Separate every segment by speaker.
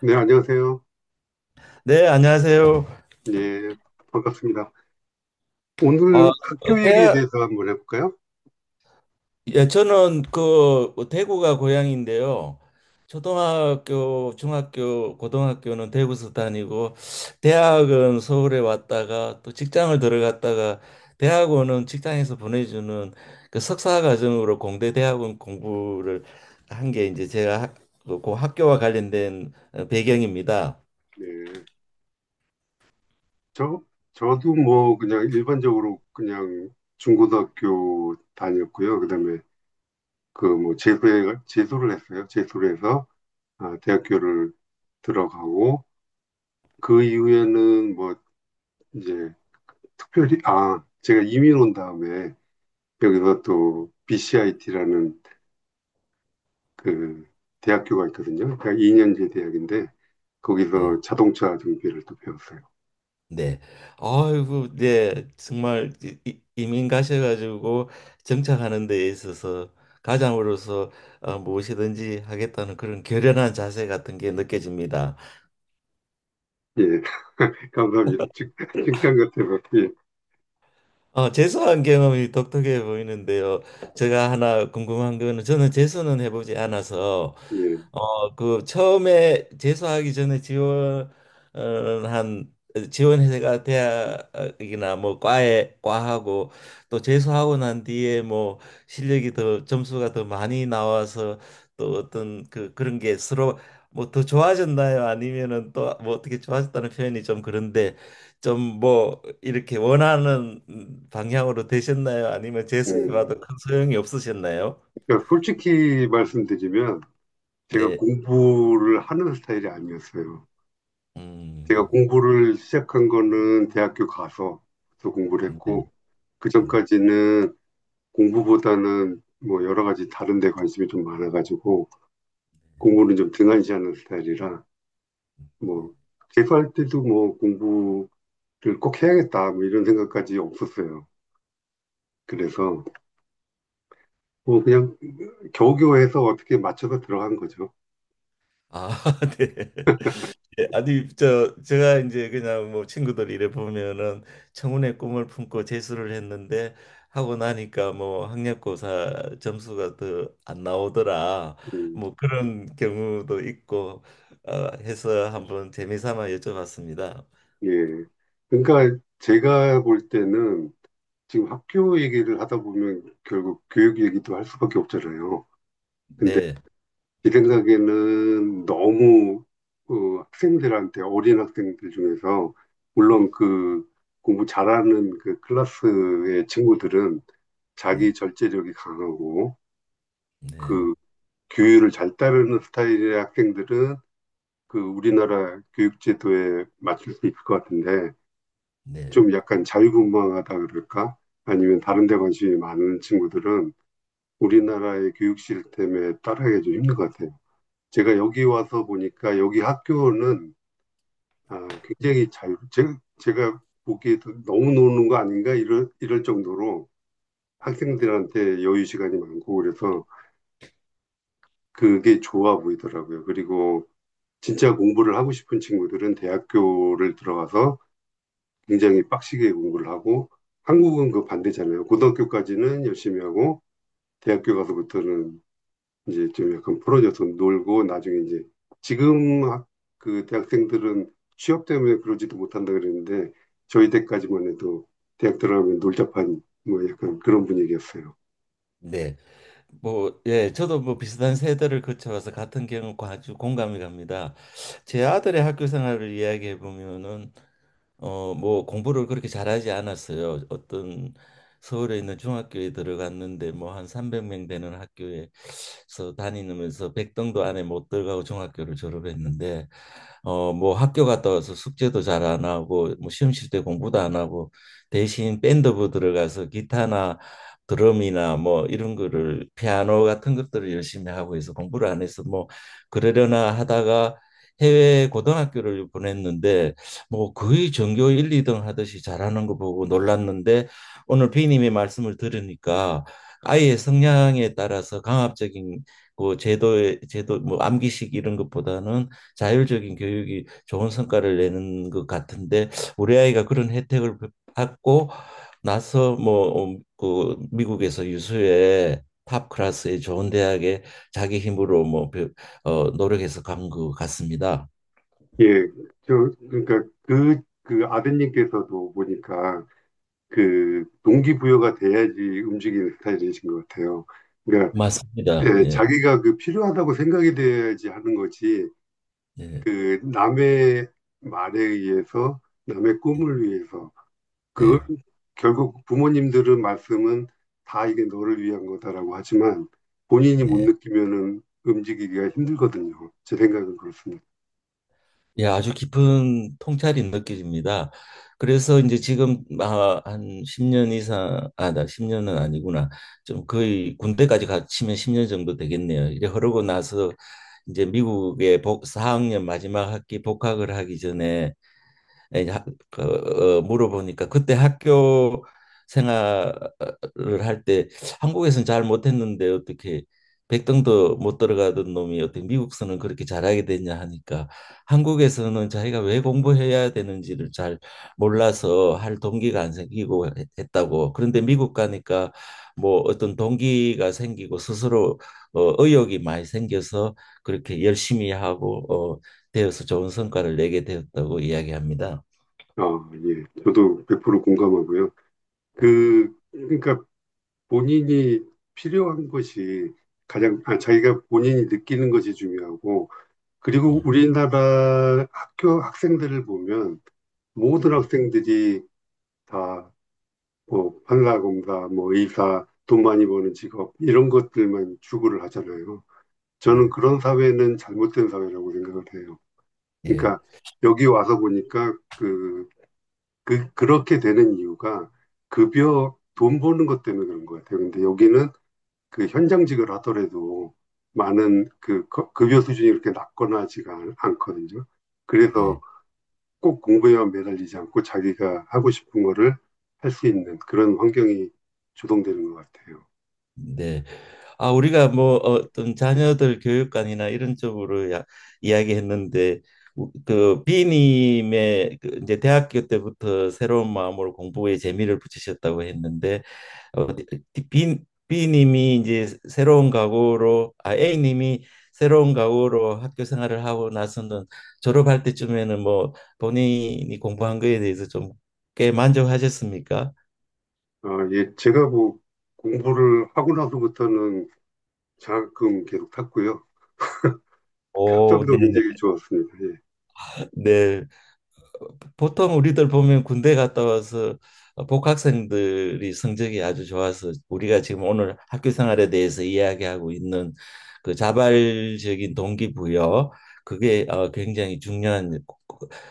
Speaker 1: 네, 안녕하세요.
Speaker 2: 네, 안녕하세요.
Speaker 1: 네, 반갑습니다.
Speaker 2: 아,
Speaker 1: 오늘 학교 얘기에 대해서 한번 해볼까요?
Speaker 2: 예, 예, 저는 그 대구가 고향인데요. 초등학교, 중학교, 고등학교는 대구에서 다니고, 대학은 서울에 왔다가 또 직장을 들어갔다가 대학원은 직장에서 보내주는 그 석사 과정으로 공대 대학원 공부를 한 게 이제 제가 그 학교와 관련된 배경입니다.
Speaker 1: 네, 저, 저도 뭐 그냥 일반적으로 그냥 중고등학교 다녔고요. 그다음에 그 뭐 재수를 했어요. 재수를 해서 아, 대학교를 들어가고 그 이후에는 뭐 이제 특별히, 아, 제가 이민 온 다음에 여기서 또 BCIT라는 그 대학교가 있거든요. 그러니까 2년제 대학인데
Speaker 2: 예.
Speaker 1: 거기서 자동차 정비를 또 배웠어요.
Speaker 2: 네. 아이고, 네. 정말 이민 가셔가지고 정착하는 데 있어서 가장으로서 무엇이든지 하겠다는 그런 결연한 자세 같은 게 느껴집니다.
Speaker 1: 예, 감사합니다. 칭찬 같아서. 예,
Speaker 2: 재수한 경험이 독특해 보이는데요. 제가 하나 궁금한 거는 저는 재수는 해보지 않아서,
Speaker 1: 예.
Speaker 2: 그 처음에 재수하기 전에 지원한 지원회가 대학이나 뭐 과에 과하고 또 재수하고 난 뒤에 뭐 실력이 더 점수가 더 많이 나와서 또 어떤 그 그런 게 서로 뭐 더 좋아졌나요? 아니면은 또 뭐 어떻게 좋아졌다는 표현이 좀 그런데, 좀 뭐 이렇게 원하는 방향으로 되셨나요? 아니면
Speaker 1: 음,
Speaker 2: 재수해봐도 큰 소용이 없으셨나요?
Speaker 1: 그러니까 솔직히 말씀드리면 제가
Speaker 2: 네.
Speaker 1: 공부를 하는 스타일이 아니었어요. 제가
Speaker 2: 음.
Speaker 1: 공부를 시작한 거는 대학교 가서 공부를 했고, 그
Speaker 2: 음.
Speaker 1: 전까지는 공부보다는 뭐 여러 가지 다른 데 관심이 좀 많아가지고, 공부는 좀 등한시하는 스타일이라, 뭐, 재수할 때도 뭐 공부를 꼭 해야겠다, 뭐 이런 생각까지 없었어요. 그래서 뭐 그냥 겨우겨우해서 어떻게 맞춰서 들어간 거죠.
Speaker 2: 아, 네. 예, 아니 제가 이제 그냥 뭐 친구들 이래 보면은 청운의 꿈을 품고 재수를 했는데 하고 나니까 뭐 학력고사 점수가 더 안 나오더라.
Speaker 1: 음,
Speaker 2: 뭐 그런 경우도 있고 해서 한번 재미삼아 여쭤봤습니다.
Speaker 1: 예. 그러니까 제가 볼 때는 지금 학교 얘기를 하다 보면 결국 교육 얘기도 할 수밖에 없잖아요. 근데
Speaker 2: 네.
Speaker 1: 제 생각에는 너무 그 학생들한테 어린 학생들 중에서 물론 그 공부 잘하는 그 클래스의 친구들은 자기
Speaker 2: 네.
Speaker 1: 절제력이 강하고
Speaker 2: 네.
Speaker 1: 그 규율을 잘 따르는 스타일의 학생들은 그 우리나라 교육제도에 맞출 수 있을 것 같은데
Speaker 2: 네.
Speaker 1: 좀 약간 자유분방하다 그럴까? 아니면 다른 데 관심이 많은 친구들은 우리나라의 교육 시스템에 따라가기 좀 힘든 것 같아요. 제가 여기 와서 보니까 여기 학교는 아, 굉장히 제가 보기에도 너무 노는 거 아닌가 이럴 정도로 학생들한테 여유 시간이 많고 그래서 그게 좋아 보이더라고요. 그리고 진짜 공부를 하고 싶은 친구들은 대학교를 들어가서 굉장히 빡시게 공부를 하고 한국은 그 반대잖아요. 고등학교까지는 열심히 하고 대학교 가서부터는 이제 좀 약간 풀어져서 놀고 나중에 이제 지금 그 대학생들은 취업 때문에 그러지도 못한다 그랬는데 저희 때까지만 해도 대학 들어가면 놀자판 뭐 약간 그런 분위기였어요.
Speaker 2: 네, 뭐, 예, 저도 뭐 비슷한 세대를 거쳐와서 같은 경험 아주 공감이 갑니다. 제 아들의 학교 생활을 이야기해 보면은, 뭐 공부를 그렇게 잘하지 않았어요. 어떤 서울에 있는 중학교에 들어갔는데 뭐 한 300명 되는 학교에서 다니면서 백등도 안에 못 들어가고 중학교를 졸업했는데, 뭐 학교 갔다 와서 숙제도 잘 안 하고 뭐 시험 칠 때 공부도 안 하고 대신 밴드부 들어가서 기타나 드럼이나 뭐 이런 거를 피아노 같은 것들을 열심히 하고 해서 공부를 안 해서 뭐 그러려나 하다가 해외 고등학교를 보냈는데 뭐 거의 전교 1, 2등 하듯이 잘하는 거 보고 놀랐는데, 오늘 b 님의 말씀을 들으니까 아이의 성향에 따라서 강압적인 그 제도 뭐 암기식 이런 것보다는 자율적인 교육이 좋은 성과를 내는 것 같은데, 우리 아이가 그런 혜택을 받고 나서 뭐 그 미국에서 유수의 탑 클래스의 좋은 대학에 자기 힘으로 뭐 노력해서 간 것 같습니다.
Speaker 1: 예, 저 그러니까 그 아드님께서도 보니까 그 동기부여가 돼야지 움직이는 스타일이신 것 같아요. 그러니까
Speaker 2: 맞습니다.
Speaker 1: 예,
Speaker 2: 예.
Speaker 1: 자기가 그 필요하다고 생각이 돼야지 하는 거지.
Speaker 2: 예.
Speaker 1: 그 남의 말에 의해서, 남의 꿈을 위해서. 그
Speaker 2: 네,
Speaker 1: 결국 부모님들은 말씀은 다 이게 너를 위한 거다라고 하지만 본인이 못
Speaker 2: 네.
Speaker 1: 느끼면은 움직이기가 힘들거든요. 제 생각은 그렇습니다.
Speaker 2: 예, 아주 깊은 통찰이 느껴집니다. 그래서 이제 지금 아, 한 10년 이상, 아, 나 십 년은 아니구나. 좀 거의 군대까지 갔치면 10년 정도 되겠네요. 이제 흐르고 나서 이제 미국에 4학년 마지막 학기 복학을 하기 전에 에, 하- 그, 물어보니까 그때 학교 생활을 할 때 한국에서는 잘 못했는데 어떻게 백등도 못 들어가던 놈이 어떻게 미국서는 그렇게 잘하게 됐냐 하니까, 한국에서는 자기가 왜 공부해야 되는지를 잘 몰라서 할 동기가 안 생기고 했다고. 그런데 미국 가니까 뭐 어떤 동기가 생기고 스스로 의욕이 많이 생겨서 그렇게 열심히 하고 어, 되어서 좋은 성과를 내게 되었다고 이야기합니다.
Speaker 1: 어, 예. 저도 100% 공감하고요. 그러니까 본인이 필요한 것이 가장, 아, 자기가 본인이 느끼는 것이 중요하고
Speaker 2: 네,
Speaker 1: 그리고 우리나라 학교 학생들을 보면 모든 학생들이 다뭐 판사검사, 뭐 의사, 돈 많이 버는 직업 이런 것들만 추구를 하잖아요. 저는
Speaker 2: 예,
Speaker 1: 그런 사회는 잘못된 사회라고 생각을 해요.
Speaker 2: 예,
Speaker 1: 그러니까 여기 와서 보니까 그, 그 그렇게 되는 이유가 급여 돈 버는 것 때문에 그런 것 같아요. 근데 여기는 그 현장직을 하더라도 많은 그 급여 수준이 이렇게 낮거나 하지가 않거든요. 그래서
Speaker 2: 예.
Speaker 1: 꼭 공부에만 매달리지 않고 자기가 하고 싶은 거를 할 수 있는 그런 환경이 조성되는 것 같아요.
Speaker 2: 네. 아, 우리가 뭐 어떤 자녀들 교육관이나 이런 쪽으로 이야기했는데 그 B님의 그 이제 대학교 때부터 새로운 마음으로 공부에 재미를 붙이셨다고 했는데 어, B, B님이 이제 새로운 각오로 A님이 새로운 각오로 학교 생활을 하고 나서는 졸업할 때쯤에는 뭐 본인이 공부한 거에 대해서 좀 꽤 만족하셨습니까?
Speaker 1: 아, 예, 제가 뭐 공부를 하고 나서부터는 장학금 계속 탔고요.
Speaker 2: 오,
Speaker 1: 학점도
Speaker 2: 네네.
Speaker 1: 굉장히 좋았습니다. 예.
Speaker 2: 네, 보통 우리들 보면 군대 갔다 와서 복학생들이 성적이 아주 좋아서, 우리가 지금 오늘 학교 생활에 대해서 이야기하고 있는 그 자발적인 동기부여, 그게 굉장히 중요한,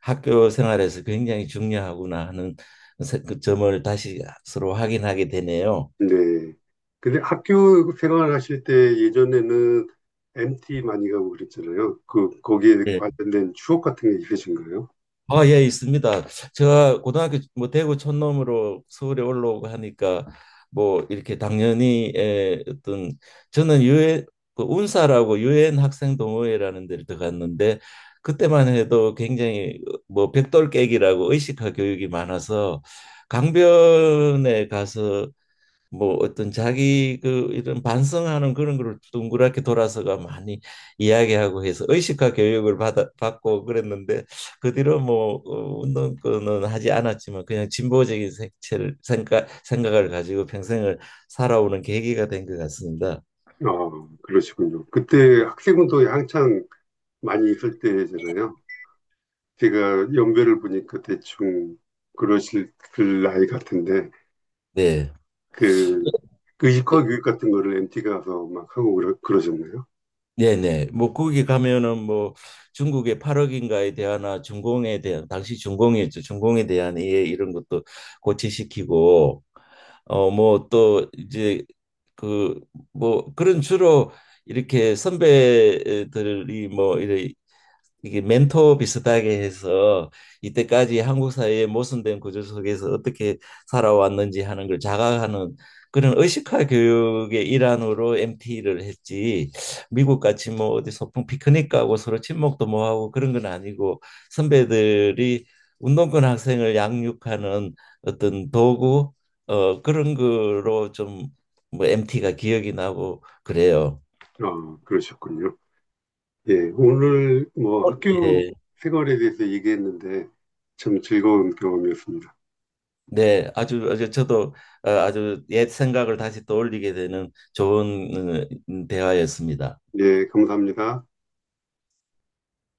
Speaker 2: 학교 생활에서 굉장히 중요하구나 하는 그 점을 다시 서로 확인하게 되네요.
Speaker 1: 네. 근데 학교 생활 하실 때 예전에는 MT 많이 가고 그랬잖아요. 그, 거기에
Speaker 2: 네.
Speaker 1: 관련된 추억 같은 게 있으신가요?
Speaker 2: 아, 예, 있습니다. 제가 고등학교 뭐 대구 촌놈으로 서울에 올라오고 하니까 뭐 이렇게 당연히 어떤, 저는 유엔 그 운사라고 유엔 학생 동호회라는 데를 들어갔는데, 그때만 해도 굉장히 뭐 백돌 깨기라고 의식화 교육이 많아서 강변에 가서 뭐 어떤 자기 그 이런 반성하는 그런 걸 둥그렇게 돌아서가 많이 이야기하고 해서 의식화 교육을 받아 받고 그랬는데, 그 뒤로 뭐 운동권은 하지 않았지만 그냥 진보적인 색채를 생각을 가지고 평생을 살아오는 계기가 된 것 같습니다.
Speaker 1: 아, 그러시군요. 그때 학생운동이 한창 많이 있을 때잖아요. 제가 연배를 보니까 대충 그러실 그 나이 같은데
Speaker 2: 네.
Speaker 1: 그 의식화 교육 같은 거를 MT 가서 막 하고 그러셨나요?
Speaker 2: 네네. 뭐 거기 가면은 뭐 중국의 8억인가에 대한 중공에 대한, 당시 중공이었죠. 중공에 대한 이해 이런 것도 고치시키고 뭐 또 이제 그 뭐 그런 주로 이렇게 선배들이 뭐 이래 이게 멘토 비슷하게 해서 이때까지 한국 사회의 모순된 구조 속에서 어떻게 살아왔는지 하는 걸 자각하는 그런 의식화 교육의 일환으로 MT를 했지. 미국 같이 뭐 어디 소풍 피크닉 가고 서로 친목도 뭐 하고 그런 건 아니고, 선배들이 운동권 학생을 양육하는 어떤 도구 그런 거로 좀 뭐 MT가 기억이 나고 그래요.
Speaker 1: 아, 그러셨군요. 예, 오늘 뭐
Speaker 2: 어,
Speaker 1: 학교
Speaker 2: 예.
Speaker 1: 생활에 대해서 얘기했는데 참 즐거운 경험이었습니다.
Speaker 2: 네, 아주 아주 저도 아주 옛 생각을 다시 떠올리게 되는 좋은 대화였습니다.
Speaker 1: 예, 감사합니다.